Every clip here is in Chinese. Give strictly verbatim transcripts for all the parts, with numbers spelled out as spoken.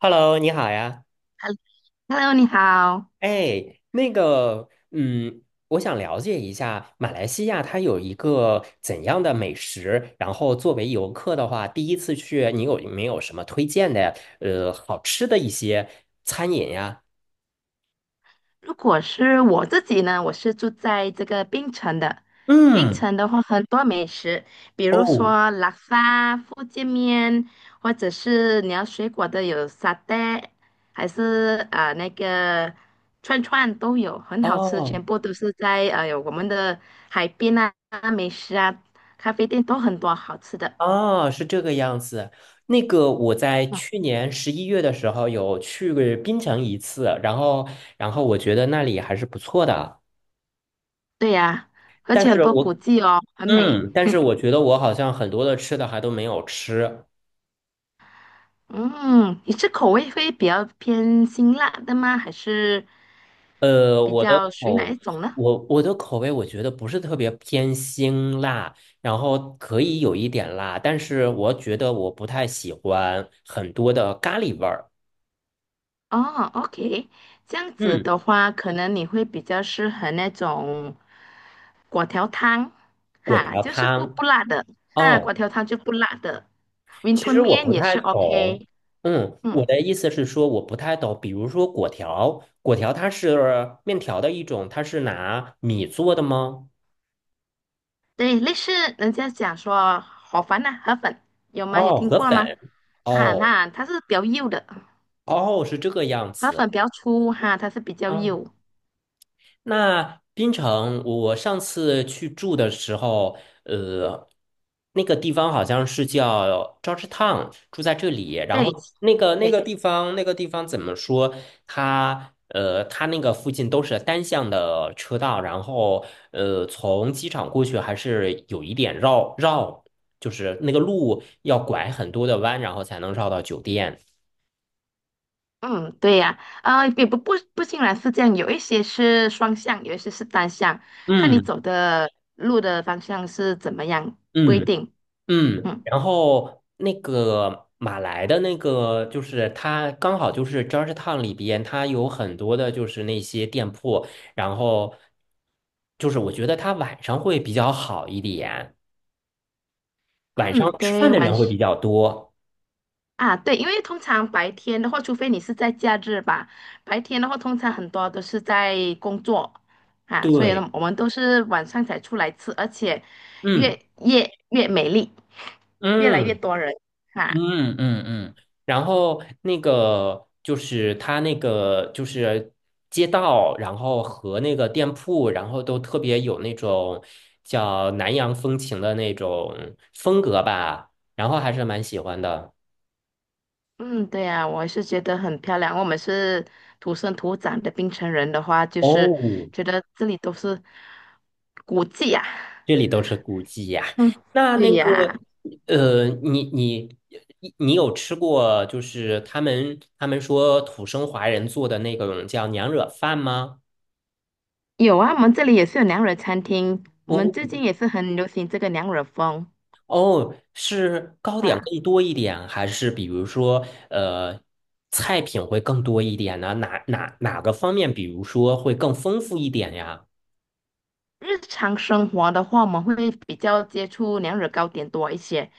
Hello，你好呀。Hello，你好。哎，那个，嗯，我想了解一下马来西亚它有一个怎样的美食，然后作为游客的话，第一次去，你有没有什么推荐的，呃，好吃的一些餐饮呀？如果是我自己呢，我是住在这个槟城的。槟嗯，城的话，很多美食，比如哦，说拉沙、福建面，或者是你要水果的有沙爹，还是呃那个串串都有，很好吃，哦，全部都是在呃有我们的海边啊、美食啊、咖啡店都很多好吃的。哦，是这个样子。那个我在去年十一月的时候有去过槟城一次，然后，然后我觉得那里还是不错的。对呀、而但且很是多古我迹哦，很美。嗯，但是我觉得我好像很多的吃的还都没有吃。嗯，你是口味会比较偏辛辣的吗？还是呃，比我的较属于哪一口，种呢？我我的口味，我觉得不是特别偏辛辣，然后可以有一点辣，但是我觉得我不太喜欢很多的咖喱味儿。哦，OK，这样子嗯，的话，可能你会比较适合那种果条汤，果哈，条就是不不汤。辣的，啊，果哦，条汤就不辣的，云其吞实我面不也太是 懂。OK，嗯，我嗯，的意思是说我不太懂，比如说果条，果条它是面条的一种，它是拿米做的吗？对，类似人家讲说河粉呐、河粉有吗？有哦，听河过粉。吗？哈，哦。那它是比较幼的，哦，是这个样河子粉比较粗，哈，它是比较啊。幼。那槟城，我上次去住的时候，呃，那个地方好像是叫 Georgetown，住在这里。然对后那个那个对，地方，那个地方怎么说？它呃，它那个附近都是单向的车道，然后呃，从机场过去还是有一点绕绕，就是那个路要拐很多的弯，然后才能绕到酒店。嗯，对呀，啊，也不不不竟然是这样，有一些是双向，有一些是单向，看你嗯走的路的方向是怎么样，不一嗯。定。嗯，嗯然后那个马来的那个，就是它刚好就是 Georgetown 里边，它有很多的就是那些店铺，然后就是我觉得它晚上会比较好一点，晚上嗯，吃饭对，的晚人上会比较多。啊，对，因为通常白天的话，除非你是在假日吧，白天的话通常很多都是在工作啊，所以对，呢，我们都是晚上才出来吃，而且嗯越夜越美丽，越来越嗯。多人哈。啊嗯嗯嗯，然后那个就是它那个就是街道，然后和那个店铺，然后都特别有那种叫南洋风情的那种风格吧，然后还是蛮喜欢的。嗯，对呀，我是觉得很漂亮。我们是土生土长的槟城人的话，就是哦，觉得这里都是古迹呀。这里都是古迹呀。嗯，那对那呀，个呃，你你你你有吃过就是他们他们说土生华人做的那种叫娘惹饭吗？有啊，我们这里也是有娘惹餐厅，我们哦，最近也是很流行这个娘惹风哦，是糕点啊。更多一点，还是比如说，呃，菜品会更多一点呢？哪哪哪个方面，比如说会更丰富一点呀？日常生活的话，我们会比较接触娘惹糕点多一些。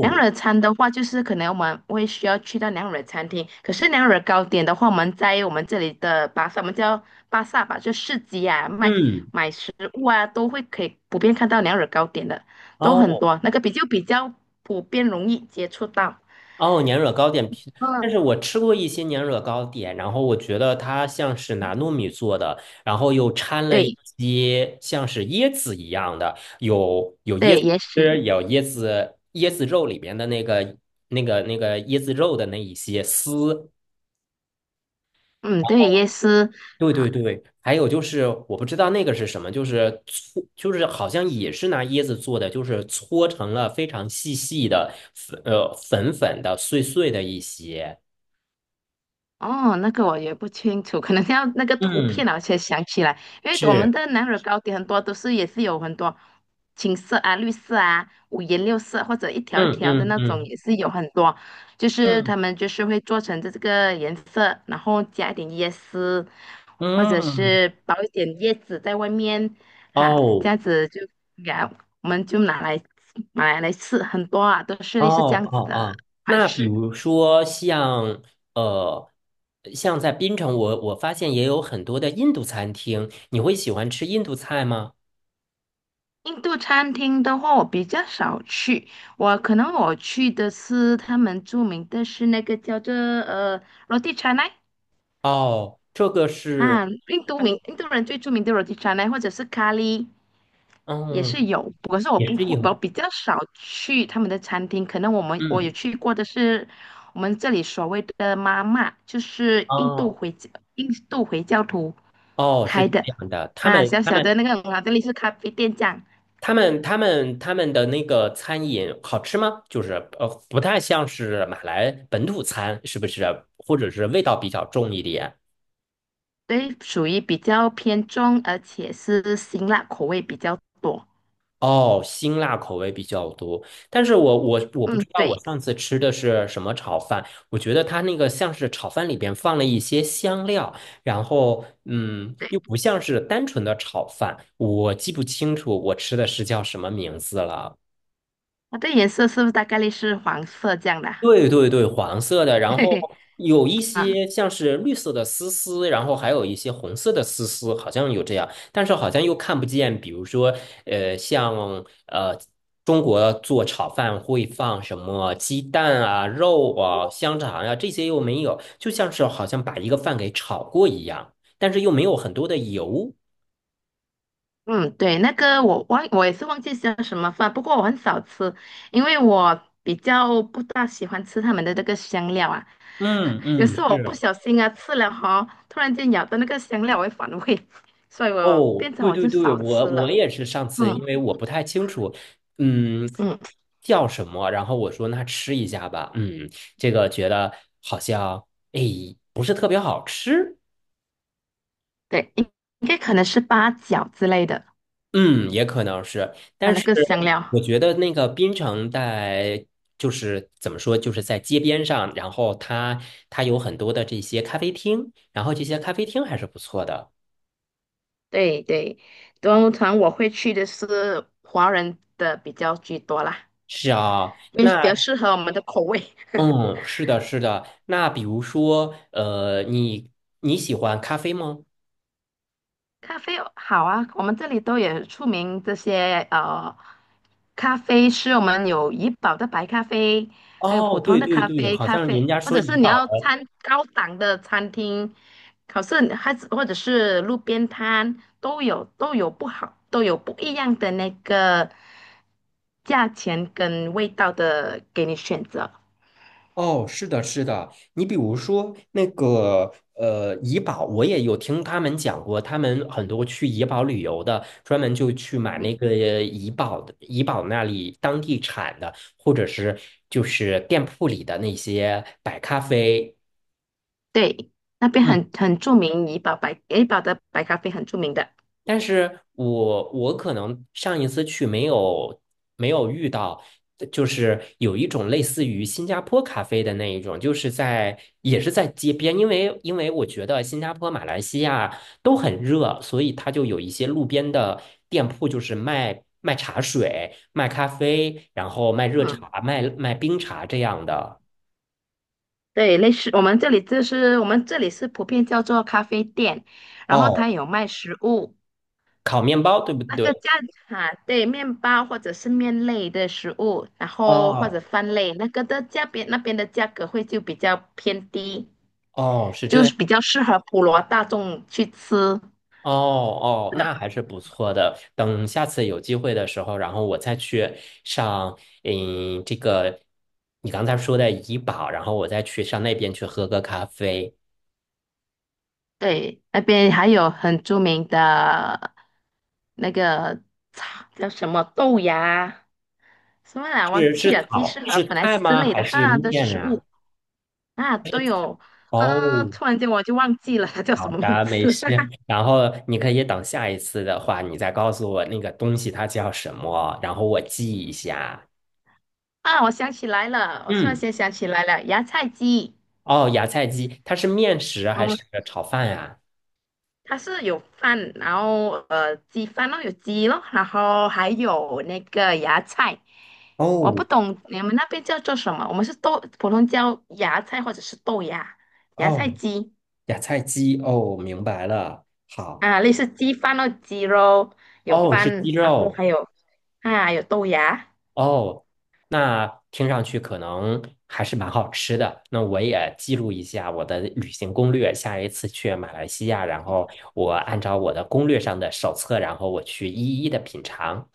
娘惹餐的话，就是可能我们会需要去到娘惹餐厅。可是娘惹糕点的话，我们在我们这里的巴萨，我们叫巴萨吧，就市集啊，卖嗯，买食物啊，都会可以普遍看到娘惹糕点的，都很哦多。那个比较比较普遍，容易接触到。哦，年惹糕点皮，但嗯，是我吃过一些年惹糕点，然后我觉得它像是拿糯米做的，然后又掺了一对些像是椰子一样的，有对，也是，是有椰子椰子肉里边的那个那个那个椰子肉的那一些丝。嗯，对，也是。对对对，还有就是我不知道那个是什么，就是搓，就是好像也是拿椰子做的，就是搓成了非常细细的粉，呃，粉粉的、碎碎的一些。哦，那个我也不清楚，可能要那个图嗯，片啊，我才想起来。因为我们是，的南乳糕点很多都是也是有很多青色啊、绿色啊、五颜六色或者一条一嗯条的嗯那种，嗯也是有很多。就是嗯他们就是会做成这个颜色，然后加一点椰丝，或者嗯，是包一点叶子在外面，哈，这哦样子就给它我们就拿来买来吃，很多啊，都是哦类似这样哦子的哦，款那比式。如说像呃，像在槟城我，我发现也有很多的印度餐厅，你会喜欢吃印度菜吗？印度餐厅的话，我比较少去，我可能我去的是他们著名的是那个叫做呃 roti c a n a 哦，这个是。啊，印度名印度人最著名的 roti c a n a 或者是咖喱也是嗯，有，不过是我也不是一会，我盒，比较少去他们的餐厅，可能我们我有嗯，去过的是我们这里所谓的妈妈，就是印度哦回教印度回教徒哦，是开这的样的，他啊，们小他小的们那个很好，这里是咖啡店这样。他们他们他们的那个餐饮好吃吗？就是呃，不太像是马来本土餐，是不是？或者是味道比较重一点？对，属于比较偏重，而且是辛辣口味比较多。哦，辛辣口味比较多，但是我我我不知嗯，道对，我上次吃的是什么炒饭，我觉得它那个像是炒饭里边放了一些香料，然后嗯，又不像是单纯的炒饭，我记不清楚我吃的是叫什么名字了。它的颜色是不是大概率是黄色这样的啊？对对对，黄色的，然嘿后嘿，有一啊，些像是绿色的丝丝，然后还有一些红色的丝丝，好像有这样，但是好像又看不见。比如说，呃，像呃，中国做炒饭会放什么鸡蛋啊、肉啊、香肠呀、这些又没有，就像是好像把一个饭给炒过一样，但是又没有很多的油。嗯，对，那个我忘，我也是忘记叫什么饭，不过我很少吃，因为我比较不大喜欢吃他们的那个香料啊。嗯有嗯，时候我不是。小心啊吃了哈，突然间咬到那个香料，我会反胃，所以我哦，变成对我就对对，少吃我了。我也是上次，嗯因为我不太清楚，嗯，嗯，叫什么，然后我说那吃一下吧，嗯，这个觉得好像，哎，不是特别好吃，对，应应该可能是八角之类的，嗯，也可能是，啊但那是个香料。我觉得那个槟城在就是怎么说，就是在街边上，然后它它有很多的这些咖啡厅，然后这些咖啡厅还是不错的。对对，端午团我会去的是华人的比较居多啦，是啊，因为比较那适合我们的口味。嗯，是的，是的。那比如说，呃，你你喜欢咖啡吗？咖啡哦好啊，我们这里都有出名这些呃咖啡是我们有怡宝的白咖啡，还有普哦，通对的对咖对，啡，好咖像啡人家或说者怡是你宝要的。餐高档的餐厅，可是还是或者是路边摊都有都有不好都有不一样的那个价钱跟味道的给你选择。哦，是的，是的。你比如说那个呃，怡宝，我也有听他们讲过，他们很多去怡宝旅游的，专门就去买那个怡宝的，怡宝那里当地产的，或者是就是店铺里的那些白咖啡。对，那边嗯。很很著名，怡宝白怡宝的白咖啡很著名的，但是我我可能上一次去没有没有遇到，呃就是有一种类似于新加坡咖啡的那一种，就是在也是在街边，因为因为我觉得新加坡、马来西亚都很热，所以它就有一些路边的店铺，就是卖卖茶水、卖咖啡，然后卖热嗯。茶、卖卖冰茶这样的。对，类似我们这里就是我们这里是普遍叫做咖啡店，然后它哦，有卖食物，烤面包，对不那对？个价哈对，面包或者是面类的食物，然后或者哦饭类，那个的价边那边的价格会就比较偏低，哦，是就这样。是比较适合普罗大众去吃。哦哦，那还是不错的。等下次有机会的时候，然后我再去上，嗯，这个你刚才说的怡宝，然后我再去上那边去喝个咖啡。对，那边还有很著名的那个茶叫什么豆芽，什么来忘是记是了，鸡炒翅河是粉还菜是之吗？类还的是哈，都是面食物。啊？啊，对哦，呃，哦，突然间我就忘记了它叫好什么名的，没字 事。然后你可以等下一次的话，你再告诉我那个东西它叫什么，然后我记一下。啊！我想起来了，我突然嗯，间想起来了，芽菜鸡。哦，芽菜鸡，它是面食还嗯，是炒饭啊？它是有饭，然后呃，鸡饭咯，有鸡咯，然后还有那个芽菜。我哦不懂你们那边叫做什么，我们是豆，普通叫芽菜或者是豆芽，芽菜哦。鸡芽菜鸡哦，明白了。好，啊，类似鸡饭咯，鸡肉有哦，是鸡饭，然后还肉有啊有豆芽。哦，那听上去可能还是蛮好吃的。那我也记录一下我的旅行攻略，下一次去马来西亚，然后我按照我的攻略上的手册，然后我去一一的品尝。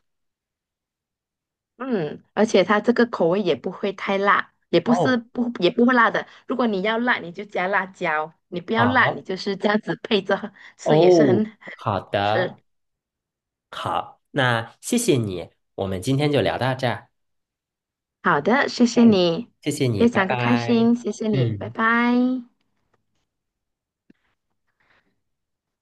嗯，而且它这个口味也不会太辣，也不是哦，不也不会辣的。如果你要辣，你就加辣椒；你不要辣，你好，就是这样子配着喝吃，也是很哦，很好好吃。的，好，那谢谢你，我们今天就聊到这儿。好的，谢谢哎，你，谢谢你，非拜常的开拜。心，谢谢你，拜嗯。拜。